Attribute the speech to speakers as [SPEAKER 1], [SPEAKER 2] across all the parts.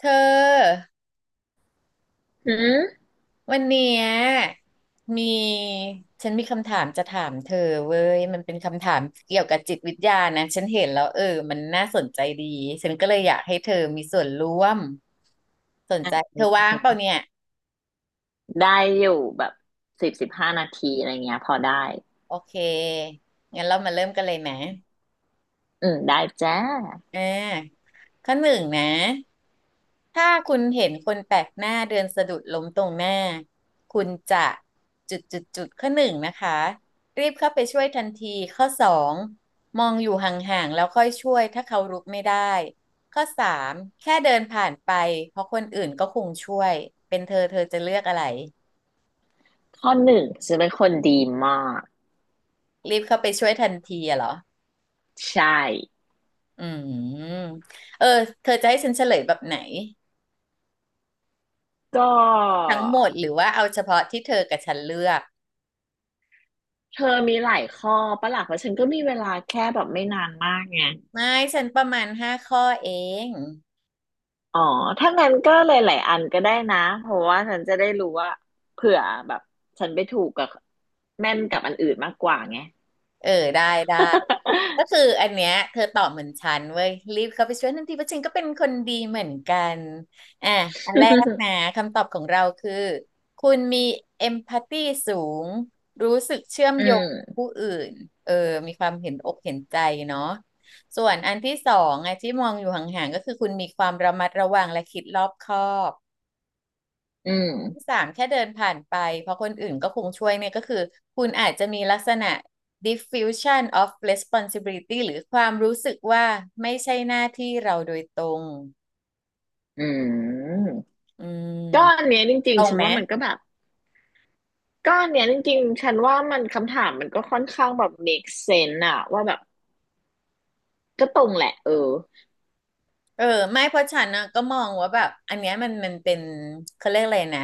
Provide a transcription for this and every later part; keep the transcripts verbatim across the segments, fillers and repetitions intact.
[SPEAKER 1] เธอ
[SPEAKER 2] อืม
[SPEAKER 1] วันเนี้ยมีฉันมีคำถามจะถามเธอเว้ยมันเป็นคำถามเกี่ยวกับจิตวิทยานะฉันเห็นแล้วเออมันน่าสนใจดีฉันก็เลยอยากให้เธอมีส่วนร่วมสน
[SPEAKER 2] อ่ะ
[SPEAKER 1] ใจเธ
[SPEAKER 2] อื
[SPEAKER 1] อ
[SPEAKER 2] ม
[SPEAKER 1] ว่าง
[SPEAKER 2] อื
[SPEAKER 1] เป
[SPEAKER 2] ม
[SPEAKER 1] ล่าเนี่ย
[SPEAKER 2] ได้อยู่แบบสิบสิบห้านาทีอะไรเงี้ยพอได้
[SPEAKER 1] โอเคงั้นเรามาเริ่มกันเลยไหม
[SPEAKER 2] อืมได้จ้า
[SPEAKER 1] อ่าข้อหนึ่งนะ ถ้าคุณเห็นคนแปลกหน้าเดินสะดุดล้มตรงหน้าคุณจะจุดจุดจุดข้อหนึ่งนะคะรีบเข้าไปช่วยทันทีข้อสองมองอยู่ห่างๆแล้วค่อยช่วยถ้าเขารุกไม่ได้ข้อสามแค่เดินผ่านไปเพราะคนอื่นก็คงช่วยเป็นเธอเธอจะเลือกอะไร
[SPEAKER 2] ข้อหนึ่งฉันเป็นคนดีมาก
[SPEAKER 1] รีบเข้าไปช่วยทันทีอะเหรอ
[SPEAKER 2] ใช่
[SPEAKER 1] อืมเออเธอจะให้ฉันเฉลยแบบไหน
[SPEAKER 2] ก็
[SPEAKER 1] ทั้งหมดหรือว่าเอาเฉพาะที่เธอกับฉันเลือก
[SPEAKER 2] เธอมีหลายข้อปะล่ะเพราะฉันก็มีเวลาแค่แบบไม่นานมากไง
[SPEAKER 1] ไม่ฉันประมาณห้าข้อเอง
[SPEAKER 2] อ๋อถ้างั้นก็หลายๆอันก็ได้นะเพราะว่าฉันจะได้รู้ว่าเผื่อแบบฉันไปถูกกับแม่นกับอันอื่นมากกว่าไง
[SPEAKER 1] เออได้ได้ก็คืออันเนี้ยเธอตอบเหมือนฉันเว้ยรีบเข้าไปช่วยทันทีเพราะฉันก็เป็นคนดีเหมือนกันอ่ะอันแร กนะคำตอบของเราคือคุณมีเอมพัตตีสูงรู้สึกเชื่อม
[SPEAKER 2] อื
[SPEAKER 1] โยงกับ
[SPEAKER 2] ม
[SPEAKER 1] ผู้อื่นเออมีความเห็นอกเห็นใจเนาะส่วนอันที่สองอ่ะที่มองอยู่ห่างๆก็คือคุณมีความระมัดระวังและคิดรอบคอบ
[SPEAKER 2] อื
[SPEAKER 1] ที่
[SPEAKER 2] ม
[SPEAKER 1] สามแค่เดินผ่านไปเพราะคนอื่นก็คงช่วยเนี่ยก็คือคุณอาจจะมีลักษณะ diffusion of responsibility หรือความรู้สึกว่าไม่ใช่หน้าที่เราโดยตรง
[SPEAKER 2] อืม
[SPEAKER 1] อื
[SPEAKER 2] ก็อัน
[SPEAKER 1] ม
[SPEAKER 2] เนี้ยจริ
[SPEAKER 1] ต
[SPEAKER 2] ง
[SPEAKER 1] ร
[SPEAKER 2] ๆ
[SPEAKER 1] ง
[SPEAKER 2] ฉัน
[SPEAKER 1] ไหม
[SPEAKER 2] ว่ามันก็แบบก็อันเนี้ยจริงๆฉันว่ามันคำถามมันก็ค่อนข้างแบบ make sense อะว่าแบบก็ตรงแหละเออ
[SPEAKER 1] เออไม่เพราะฉันนะก็มองว่าแบบอันเนี้ยมันมันเป็นเขาเรียกอะไรนะ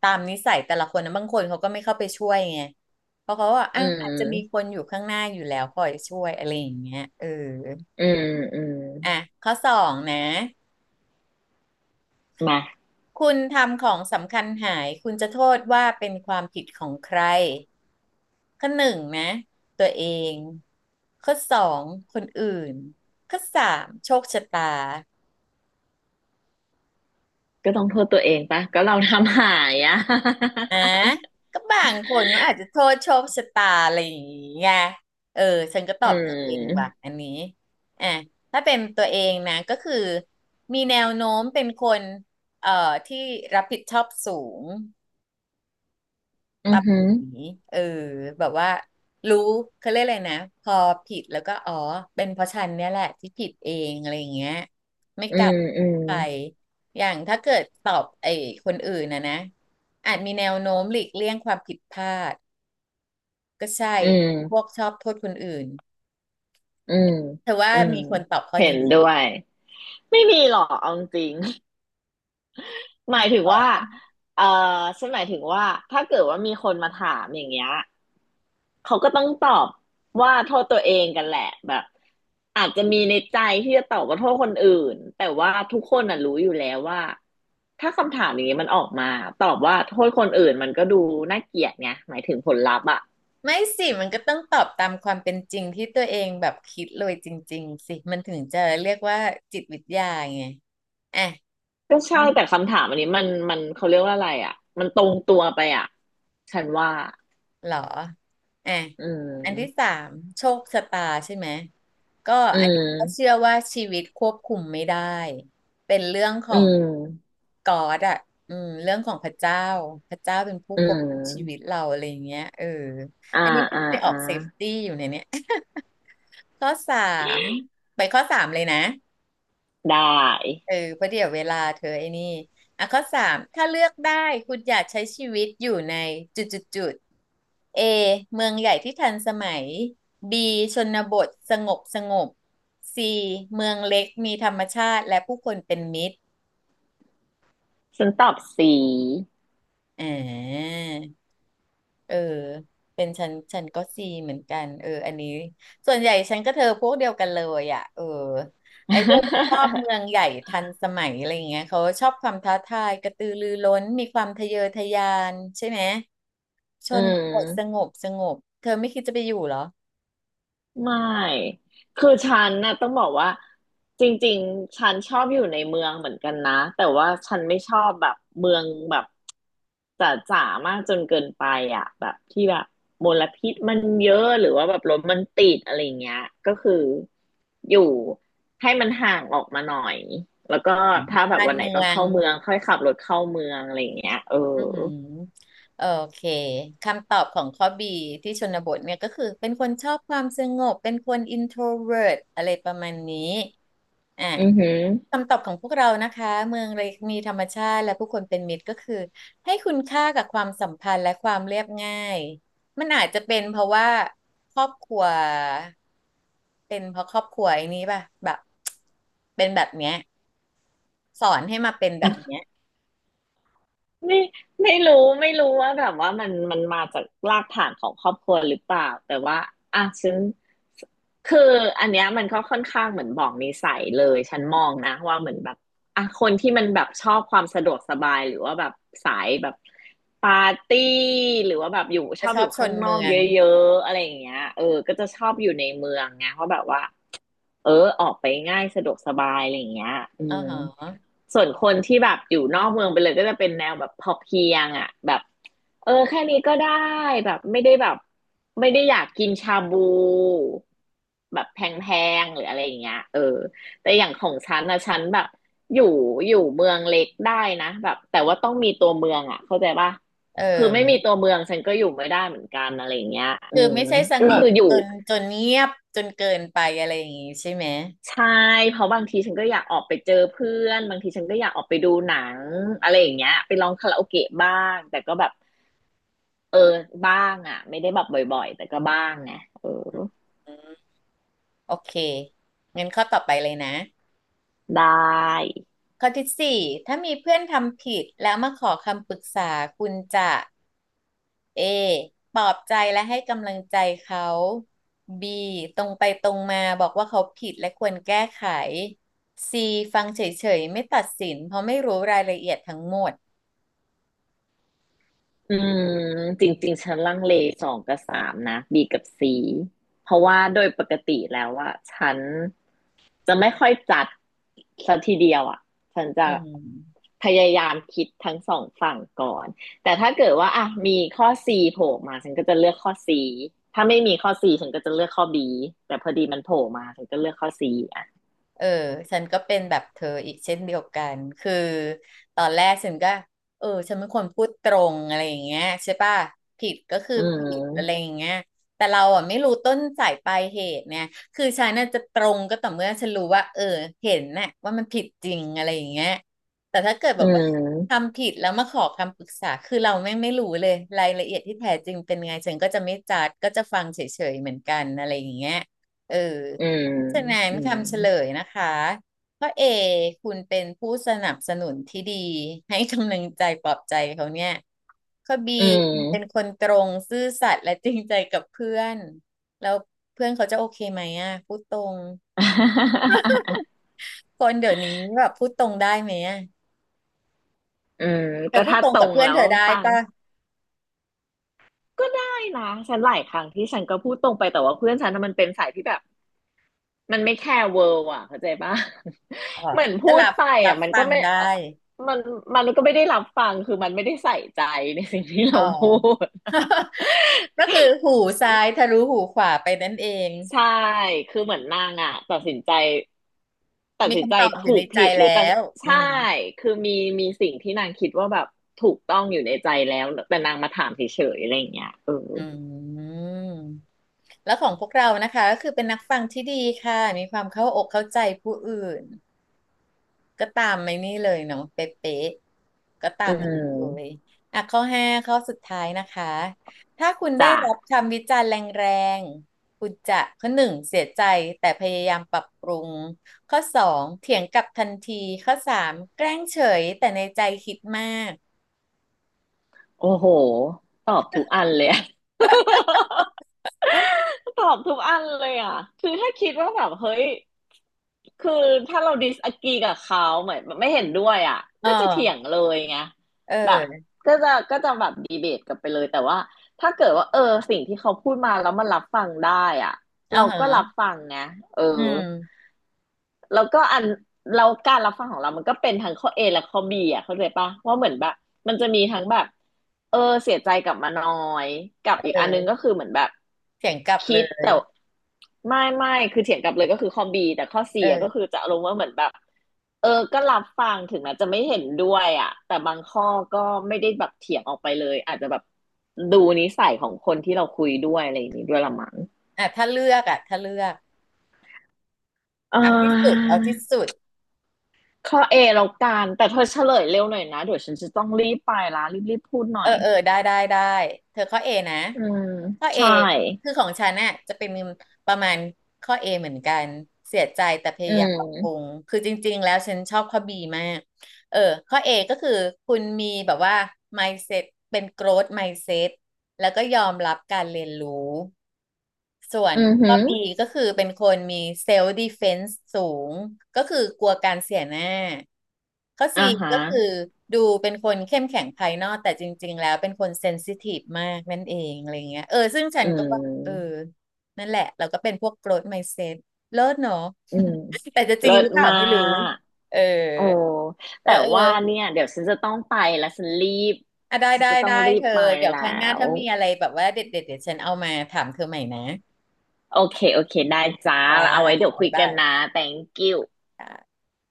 [SPEAKER 1] ตามนิสัยแต่ละคนนะบางคนเขาก็ไม่เข้าไปช่วยไงเพราะเขาว่า
[SPEAKER 2] อื
[SPEAKER 1] อ่ะอาจจะมีค
[SPEAKER 2] ม
[SPEAKER 1] นอยู่ข้างหน้าอยู่แล้วคอยช่วยอะไรอย่างเงี้ยเออ
[SPEAKER 2] อืมอืม
[SPEAKER 1] อ่ะข้อสองนะ
[SPEAKER 2] มา
[SPEAKER 1] คุณทำของสำคัญหายคุณจะโทษว่าเป็นความผิดของใครข้อหนึ่งนะตัวเองข้อสองคนอื่นข้อสามโชคชะตา
[SPEAKER 2] ก็ต้องโทษตัวเองปะก็เราทำหายอะ
[SPEAKER 1] อ่ะก็บางคนก็อาจจะโทษโชคชะตาอะไรอย่างเงี้ยเออฉันก็ต อ
[SPEAKER 2] อื
[SPEAKER 1] บตัวเองว่ะ
[SPEAKER 2] ม
[SPEAKER 1] อันนี้อ่ะถ้าเป็นตัวเองนะก็คือมีแนวโน้มเป็นคนเอ่อที่รับผิดชอบสูง
[SPEAKER 2] อื
[SPEAKER 1] ปรั
[SPEAKER 2] อ
[SPEAKER 1] บ
[SPEAKER 2] หื
[SPEAKER 1] ปรุ
[SPEAKER 2] อ
[SPEAKER 1] งหนีเออแบบว่ารู้เขาเรียกอะไรนะพอผิดแล้วก็อ๋อเป็นเพราะฉันเนี่ยแหละที่ผิดเองอะไรอย่างเงี้ยไม่
[SPEAKER 2] อื
[SPEAKER 1] กลั
[SPEAKER 2] ม
[SPEAKER 1] บ
[SPEAKER 2] อืม
[SPEAKER 1] ไปอย่างถ้าเกิดตอบไอ้คนอื่นนะนะอาจมีแนวโน้มหลีกเลี่ยงความผิดพลาดก็ใช่
[SPEAKER 2] อืม
[SPEAKER 1] พวกชอบโทษคนอื่น
[SPEAKER 2] อืม
[SPEAKER 1] เธอว่า
[SPEAKER 2] อืม
[SPEAKER 1] มีคนตอบข้อ
[SPEAKER 2] เห็
[SPEAKER 1] นี้
[SPEAKER 2] น
[SPEAKER 1] ไหม
[SPEAKER 2] ด้วยไม่มีหรอกเอาจริง หมายถึง
[SPEAKER 1] ตอ
[SPEAKER 2] ว่า
[SPEAKER 1] บ
[SPEAKER 2] เออฉันหมายถึงว่าถ้าเกิดว่ามีคนมาถามอย่างเงี้ย เขาก็ต้องตอบว่าโทษตัวเองกันแหละแบบอาจจะมีในใจที่จะตอบว่าโทษคนอื่นแต่ว่าทุกคนน่ะรู้อยู่แล้วว่าถ้าคำถามอย่างนี้มันออกมาตอบว่าโทษคนอื่นมันก็ดูน่าเกลียดไงหมายถึงผลลัพธ์อ่ะ
[SPEAKER 1] ไม่สิมันก็ต้องตอบตามความเป็นจริงที่ตัวเองแบบคิดเลยจริงๆสิมันถึงจะเรียกว่าจิตวิทยาไงอ่ะ
[SPEAKER 2] ก็ใช่แต่คำถามอันนี้มันมันเขาเรียกว่าอะไรอ่ะมันตรงตัวไปอ่ะฉันว่า
[SPEAKER 1] เหรออ่ะ
[SPEAKER 2] อื
[SPEAKER 1] อันที่สา
[SPEAKER 2] ม
[SPEAKER 1] มโชคชะตาใช่ไหม ก็
[SPEAKER 2] อื
[SPEAKER 1] อันนี้ก็เชื่
[SPEAKER 2] ม
[SPEAKER 1] อว่าชีวิตควบคุมไม่ได้ เป็นเรื่องขอ
[SPEAKER 2] อื
[SPEAKER 1] ง
[SPEAKER 2] ม
[SPEAKER 1] กอดอ่ะอืมเรื่องของพระเจ้า พระเจ้าเป็นผู้
[SPEAKER 2] อื
[SPEAKER 1] ควบคุมชีวิต
[SPEAKER 2] ม
[SPEAKER 1] เราอะไรอย่างเงี้ยเออ
[SPEAKER 2] อ่า
[SPEAKER 1] อันนี้ก็
[SPEAKER 2] อ่า
[SPEAKER 1] ไปออ
[SPEAKER 2] อ่า
[SPEAKER 1] กเซฟตี้อยู่ในเนี้ย ข้อสามไปข้อสามเลยนะ
[SPEAKER 2] ได้
[SPEAKER 1] เออเพราะเดี๋ยวเวลาเธอไอ้นี่อ่ะข้อสามถ้าเลือกได้คุณอยากใช้ชีวิตอยู่ในจุดจุดจุด A เมืองใหญ่ที่ทันสมัย B ชนบทสงบสงบ C เมืองเล็กมีธรรมชาติและผู้คนเป็นมิตร
[SPEAKER 2] ฉันตอบสี
[SPEAKER 1] อ่า เออเป็นฉันฉันก็ซีเหมือนกันเอออันนี้ส่วนใหญ่ฉันก็เธอพวกเดียวกันเลยอ่ะเออไอ้พ วกชอบเมืองใหญ่ทันสมัยอะไรอย่างเงี้ยเขาชอบความท้าทายกระตือรือร้นมีความทะเยอทะยานใช่ไหมช
[SPEAKER 2] อื
[SPEAKER 1] นบทสง
[SPEAKER 2] ม
[SPEAKER 1] บสงบเธอไม่คิดจะไปอยู่เหรอ
[SPEAKER 2] ไม่คือฉันน่ะต้องบอกว่าจริงๆฉันชอบอยู่ในเมืองเหมือนกันนะแต่ว่าฉันไม่ชอบแบบเมืองแบบจ๋าจ๋ามากจนเกินไปอ่ะแบบที่แบบมลพิษมันเยอะหรือว่าแบบรถมันติดอะไรเงี้ยก็คืออยู่ให้มันห่างออกมาหน่อยแล้วก็ถ้าแบบ
[SPEAKER 1] การ
[SPEAKER 2] วันไหน
[SPEAKER 1] เมื
[SPEAKER 2] ต้อ
[SPEAKER 1] อ
[SPEAKER 2] ง
[SPEAKER 1] ง
[SPEAKER 2] เข้าเมืองค่อยขับรถเข้าเมืองอะไรเงี้ยเออ
[SPEAKER 1] อือหือโอเคคำตอบของข้อบีที่ชนบทเนี่ยก็คือเป็นคนชอบความสงบเป็นคน introvert อะไรประมาณนี้อ่ะ
[SPEAKER 2] อือหือ
[SPEAKER 1] คำตอบของพวกเรานะคะเมืองเล็กมีธรรมชาติและผู้คนเป็นมิตรก็คือให้คุณค่ากับความสัมพันธ์และความเรียบง่ายมันอาจจะเป็นเพราะว่าครอบครัวเป็นเพราะครอบครัวไอ้นี้ป่ะแบบเป็นแบบเนี้ยสอนให้มาเป็นแบบเนี้ย
[SPEAKER 2] ไม่ไม่รู้ไม่รู้ว่าแบบว่ามันมันมาจากรากฐานของครอบครัวหรือเปล่าแต่ว่าอ่ะฉันคืออันเนี้ยมันก็ค่อนข้างเหมือนบอกนิสัยเลยฉันมองนะว่าเหมือนแบบอ่ะคนที่มันแบบชอบความสะดวกสบายหรือว่าแบบสายแบบปาร์ตี้หรือว่าแบบอยู่ช
[SPEAKER 1] จะ
[SPEAKER 2] อบ
[SPEAKER 1] ชอ
[SPEAKER 2] อ
[SPEAKER 1] บ
[SPEAKER 2] ยู่
[SPEAKER 1] ช
[SPEAKER 2] ข้า
[SPEAKER 1] น
[SPEAKER 2] งนอ
[SPEAKER 1] เมื
[SPEAKER 2] ก
[SPEAKER 1] อง
[SPEAKER 2] เยอะๆอะไรอย่างเงี้ยเออก็จะชอบอยู่ในเมืองไงเพราะแบบว่า เออออกไปง่ายสะดวกสบายอะไรอย่างเงี้ยอื
[SPEAKER 1] อ๋อ
[SPEAKER 2] ม
[SPEAKER 1] ฮะ
[SPEAKER 2] ส่วนคนที่แบบอยู่นอกเมืองไปเลยก็จะเป็นแนวแบบพอเพียงอ่ะแบบเออแค่นี้ก็ได้แบบไม่ได้แบบไม่ได้อยากกินชาบูแบบแพงๆหรืออะไรอย่างเงี้ยเออแต่อย่างของฉันนะฉันแบบอยู่อยู่เมืองเล็กได้นะแบบแต่ว่าต้องมีตัวเมืองอ่ะเข้าใจป่ะ
[SPEAKER 1] เ
[SPEAKER 2] คือไม่มี
[SPEAKER 1] ออ
[SPEAKER 2] ตัวเมืองฉันก็อยู่ไม่ได้เหมือนกันอะไรอย่างเงี้ยอื
[SPEAKER 1] คือ
[SPEAKER 2] ม
[SPEAKER 1] ไม่ใช่ส
[SPEAKER 2] ก็
[SPEAKER 1] งบ
[SPEAKER 2] คืออยู่
[SPEAKER 1] จนจนเงียบจนเกินไปอะไรอย่างงี้ใช่ไหม
[SPEAKER 2] ใช่เพราะบางทีฉันก็อยากออกไปเจอเพื่อนบางทีฉันก็อยากออกไปดูหนังอะไรอย่างเงี้ยไปร้องคาราโอเกะบ้างแต่ก็แบบเออบ้างอ่ะไม่ได้แบบบ่อยๆแต่ก็บ้างไงเออ
[SPEAKER 1] อืมโอเคงั้นข้อต่อไปเลยนะ
[SPEAKER 2] ได้
[SPEAKER 1] ข้อที่สี่ถ้ามีเพื่อนทำผิดแล้วมาขอคำปรึกษาคุณจะ A ปลอบใจและให้กำลังใจเขา B ตรงไปตรงมาบอกว่าเขาผิดและควรแก้ไข C ฟังเฉยๆไม่ตัดสินเพราะไม่รู้รายละเอียดทั้งหมด
[SPEAKER 2] อืมจริงๆฉันลังเลสองกับสามนะ B กับ C เพราะว่าโดยปกติแล้วอะฉันจะไม่ค่อยจัดสัทีเดียวอะฉันจะ
[SPEAKER 1] อืม
[SPEAKER 2] พยายามคิดทั้งสองฝั่งก่อนแต่ถ้าเกิดว่าอะมีข้อ C โผล่มาฉันก็จะเลือกข้อ C ถ้าไม่มีข้อ C ฉันก็จะเลือกข้อ B แต่พอดีมันโผล่มาฉันก็เลือกข้อ C อะ
[SPEAKER 1] เออฉันก็เป็นแบบเธออีกเช่นเดียวกันคือตอนแรกฉันก็เออฉันเป็นคนพูดตรงอะไรอย่างเงี้ยใช่ป่ะผิดก็คือ
[SPEAKER 2] อื
[SPEAKER 1] ผิดอะไร
[SPEAKER 2] ม
[SPEAKER 1] อย่างเงี้ยแต่เราอ่ะไม่รู้ต้นสายปลายเหตุเนี่ยคือฉันน่ะจะตรงก็ต่อเมื่อฉันรู้ว่าเออเห็นน่ะว่ามันผิดจริงอะไรอย่างเงี้ยแต่ถ้าเกิดแบ
[SPEAKER 2] อื
[SPEAKER 1] บว่า
[SPEAKER 2] ม
[SPEAKER 1] ทำผิดแล้วมาขอคำปรึกษาคือเราไม่ไม่รู้เลยรายละเอียดที่แท้จริงเป็นไงฉันก็จะไม่จัดก็จะฟังเฉยๆเหมือนกันอะไรอย่างเงี้ยเออ
[SPEAKER 2] อืม
[SPEAKER 1] ฉะนั้น
[SPEAKER 2] อืม
[SPEAKER 1] คำเฉลยนะคะข้อเอคุณเป็นผู้สนับสนุนที่ดีให้กำลังใจปลอบใจเขาเนี่ยข้อบี
[SPEAKER 2] อืม
[SPEAKER 1] เป็นคนตรงซื่อสัตย์และจริงใจกับเพื่อนแล้วเพื่อนเขาจะโอเคไหมอ่ะพูดตรงคนเดี๋ยวนี้แบบพูดตรงได้ไหมอ่ะ
[SPEAKER 2] เออ
[SPEAKER 1] เธ
[SPEAKER 2] ก็
[SPEAKER 1] อพูด
[SPEAKER 2] ถ้า
[SPEAKER 1] ตรง
[SPEAKER 2] ตร
[SPEAKER 1] กับ
[SPEAKER 2] ง
[SPEAKER 1] เพื่อน
[SPEAKER 2] แล้
[SPEAKER 1] เธ
[SPEAKER 2] ว
[SPEAKER 1] อได้
[SPEAKER 2] ฟัง
[SPEAKER 1] ป่ะ
[SPEAKER 2] ก็ได้นะฉันหลายครั้งที่ฉันก็พูดตรงไปแต่ว่าเพื่อนฉันน่ะมันเป็นสายที่แบบมันไม่แคร์เวิร์อ่ะเข้าใจปะ
[SPEAKER 1] อ๋อ
[SPEAKER 2] เหมือน
[SPEAKER 1] ก็
[SPEAKER 2] พูด
[SPEAKER 1] รับ
[SPEAKER 2] ไป
[SPEAKER 1] รับ
[SPEAKER 2] อ่ะมัน
[SPEAKER 1] ฟั
[SPEAKER 2] ก็
[SPEAKER 1] ง
[SPEAKER 2] ไม่
[SPEAKER 1] ได้
[SPEAKER 2] เอ่อมันมันก็ไม่ได้รับฟังคือมันไม่ได้ใส่ใจในสิ่งที่
[SPEAKER 1] อ๋
[SPEAKER 2] เรา
[SPEAKER 1] อ
[SPEAKER 2] พูด
[SPEAKER 1] ก็คือหูซ้ายทะลุหูขวาไปนั่นเอง
[SPEAKER 2] ใช่คือเหมือนนางอ่ะตัดสินใจตัด
[SPEAKER 1] มี
[SPEAKER 2] สินใจ
[SPEAKER 1] คำตอบอยู่
[SPEAKER 2] ถู
[SPEAKER 1] ใน
[SPEAKER 2] ก
[SPEAKER 1] ใจ
[SPEAKER 2] ผิดหรื
[SPEAKER 1] แล้
[SPEAKER 2] อแต่
[SPEAKER 1] วอื
[SPEAKER 2] ใช่
[SPEAKER 1] ม
[SPEAKER 2] คือมีมีสิ่งที่นางคิดว่าแบบถูกต้องอยู่ในใจแล้วแต่นางมาถามเฉยๆอะไรอย่างเงี้ยเออ
[SPEAKER 1] อืมแล้วของพวกเรานะคะก็คือเป็นนักฟังที่ดีค่ะมีความเข้าอกเข้าใจผู้อื่นก็ตามในนี่เลยเนาะเป๊ะๆก็ตา
[SPEAKER 2] อื
[SPEAKER 1] มนั้นเลย
[SPEAKER 2] ม
[SPEAKER 1] อ่ะข้อห้าข้อสุดท้ายนะคะถ้าคุณได้
[SPEAKER 2] จ้ะ
[SPEAKER 1] รับคำวิจารณ์แรงๆคุณจะข้อหนึ่งเสียใจแต่พยายามปรับปรุงข้อสองเถียงกลับทันทีข้อสามแกล้งเฉยแต่ในใจคิดมาก
[SPEAKER 2] โอ้โห ตอบทุกอันเลยอะ ตอบทุกอันเลยอ่ะคือถ้าคิดว่าแบบ เฮ้ยคือถ้าเราดิสอ r ีกับเขาเหมือนไม่เห็นด้วยอ่ะ
[SPEAKER 1] อ๋อ
[SPEAKER 2] ก็จะเถียงเลยไง
[SPEAKER 1] เ
[SPEAKER 2] แบบ
[SPEAKER 1] ออ
[SPEAKER 2] ก็จะก็จะแบบดีเบตกันไปเลยแต่ว่าถ้าเกิดว่าเออสิ่งที่เขาพูดมาแล้วมันรับฟังได้อ่ะ
[SPEAKER 1] อ๋อ
[SPEAKER 2] เรา
[SPEAKER 1] เหรอ
[SPEAKER 2] ก็รับฟังนะเออ
[SPEAKER 1] อืม
[SPEAKER 2] แล้วก็อันแล้วการรับฟังของเรามันก็เป็นทั้งข้อ A และข้อ B อ่ะเข้าใจปะว่าเหมือนแบบมันจะมีทั้งแบบเออเสียใจกลับมาน้อยกับอีก
[SPEAKER 1] เออ
[SPEAKER 2] อันนึงก็คือเหมือนแบบ
[SPEAKER 1] เถียงกลับ
[SPEAKER 2] คิ
[SPEAKER 1] เล
[SPEAKER 2] ด
[SPEAKER 1] ย
[SPEAKER 2] แต่ไม่ไม่คือเถียงกลับเลยก็คือข้อ B แต่ข้อ C
[SPEAKER 1] เอ
[SPEAKER 2] อ่ะก็คือ
[SPEAKER 1] อ
[SPEAKER 2] จะลง์ว่าเหมือนแบบเออก็รับฟังถึงแม้จะไม่เห็นด้วยอ่ะแต่บางข้อก็ไม่ได้แบบเถียงออกไปเลยอาจจะแบบดูนิสัยของคนที่เราคุยด้วยอะไรอย่างนี้ด้วยละมั้ง
[SPEAKER 1] อ่ะถ้าเลือกอ่ะถ้าเลือก
[SPEAKER 2] อ่
[SPEAKER 1] เอาที่สุด เอาที่
[SPEAKER 2] า
[SPEAKER 1] สุด
[SPEAKER 2] ข้อเอแล้วกันแต่เธอเฉลยเร็วหน่อยนะเดี๋ยวฉันจะต้องรีบไปละรีบรีบพูดห
[SPEAKER 1] เอ
[SPEAKER 2] น่อ
[SPEAKER 1] อ
[SPEAKER 2] ย
[SPEAKER 1] เออ ได้ได้ได้ เธอข้อเอนะ
[SPEAKER 2] อืม
[SPEAKER 1] ข้อเอ
[SPEAKER 2] ใช่
[SPEAKER 1] คือของฉันน่ะจะเป็นประมาณข้อเอเหมือนกัน เสียใจแต่พ
[SPEAKER 2] อื
[SPEAKER 1] ยายามปรับปรุ
[SPEAKER 2] ม
[SPEAKER 1] ง คือจริงๆแล้วฉันชอบข้อบีมาก เออข้อ เอ ก็คือคุณมีแบบว่า mindset เป็น growth mindset แล้วก็ยอมรับการเรียนรู้ส่วน
[SPEAKER 2] อือหื
[SPEAKER 1] ข้อ
[SPEAKER 2] อ
[SPEAKER 1] บี ก็คือเป็นคนมี self defense สูงก็คือกลัวการเสียหน้าข้อ ซี
[SPEAKER 2] อ่าฮะ
[SPEAKER 1] ก็คือดูเป็นคนเข้มแข็งภายนอกแต่จริงๆแล้วเป็นคน sensitive มากนั่นเองอะไรเงี้ยเออซึ่งฉั
[SPEAKER 2] อื
[SPEAKER 1] นก็ว่าเออ
[SPEAKER 2] ม
[SPEAKER 1] นั่นแหละเราก็เป็นพวก growth mindset เลิศเนอะ
[SPEAKER 2] อืม
[SPEAKER 1] แต่จะจริ
[SPEAKER 2] เลิ
[SPEAKER 1] งห
[SPEAKER 2] ศ
[SPEAKER 1] รือเปล่า
[SPEAKER 2] มา
[SPEAKER 1] ไม่รู้
[SPEAKER 2] ก
[SPEAKER 1] เออ
[SPEAKER 2] โอ้
[SPEAKER 1] เอ
[SPEAKER 2] แต่
[SPEAKER 1] อเออ
[SPEAKER 2] ว่าเนี่ยเดี๋ยวฉันจะต้องไปแล้วฉันรีบ
[SPEAKER 1] อ่ะได้
[SPEAKER 2] ฉัน
[SPEAKER 1] ได้
[SPEAKER 2] จะต้อง
[SPEAKER 1] ได้
[SPEAKER 2] รี
[SPEAKER 1] เธ
[SPEAKER 2] บ
[SPEAKER 1] อ
[SPEAKER 2] ไป
[SPEAKER 1] เดี๋ยว
[SPEAKER 2] แล้
[SPEAKER 1] ครั้งหน้า
[SPEAKER 2] ว
[SPEAKER 1] ถ้ามีอะไรแบบว่าเด็ดเด็ดเดี๋ยวฉันเอามาถามเธอใหม่นะ
[SPEAKER 2] โอเคโอเคได้จ้า
[SPEAKER 1] จ้า
[SPEAKER 2] เอาไว้เดี๋ยว
[SPEAKER 1] บ๊า
[SPEAKER 2] คุ
[SPEAKER 1] ย
[SPEAKER 2] ยกั
[SPEAKER 1] บา
[SPEAKER 2] น
[SPEAKER 1] ย
[SPEAKER 2] นะ thank you
[SPEAKER 1] ค่ะ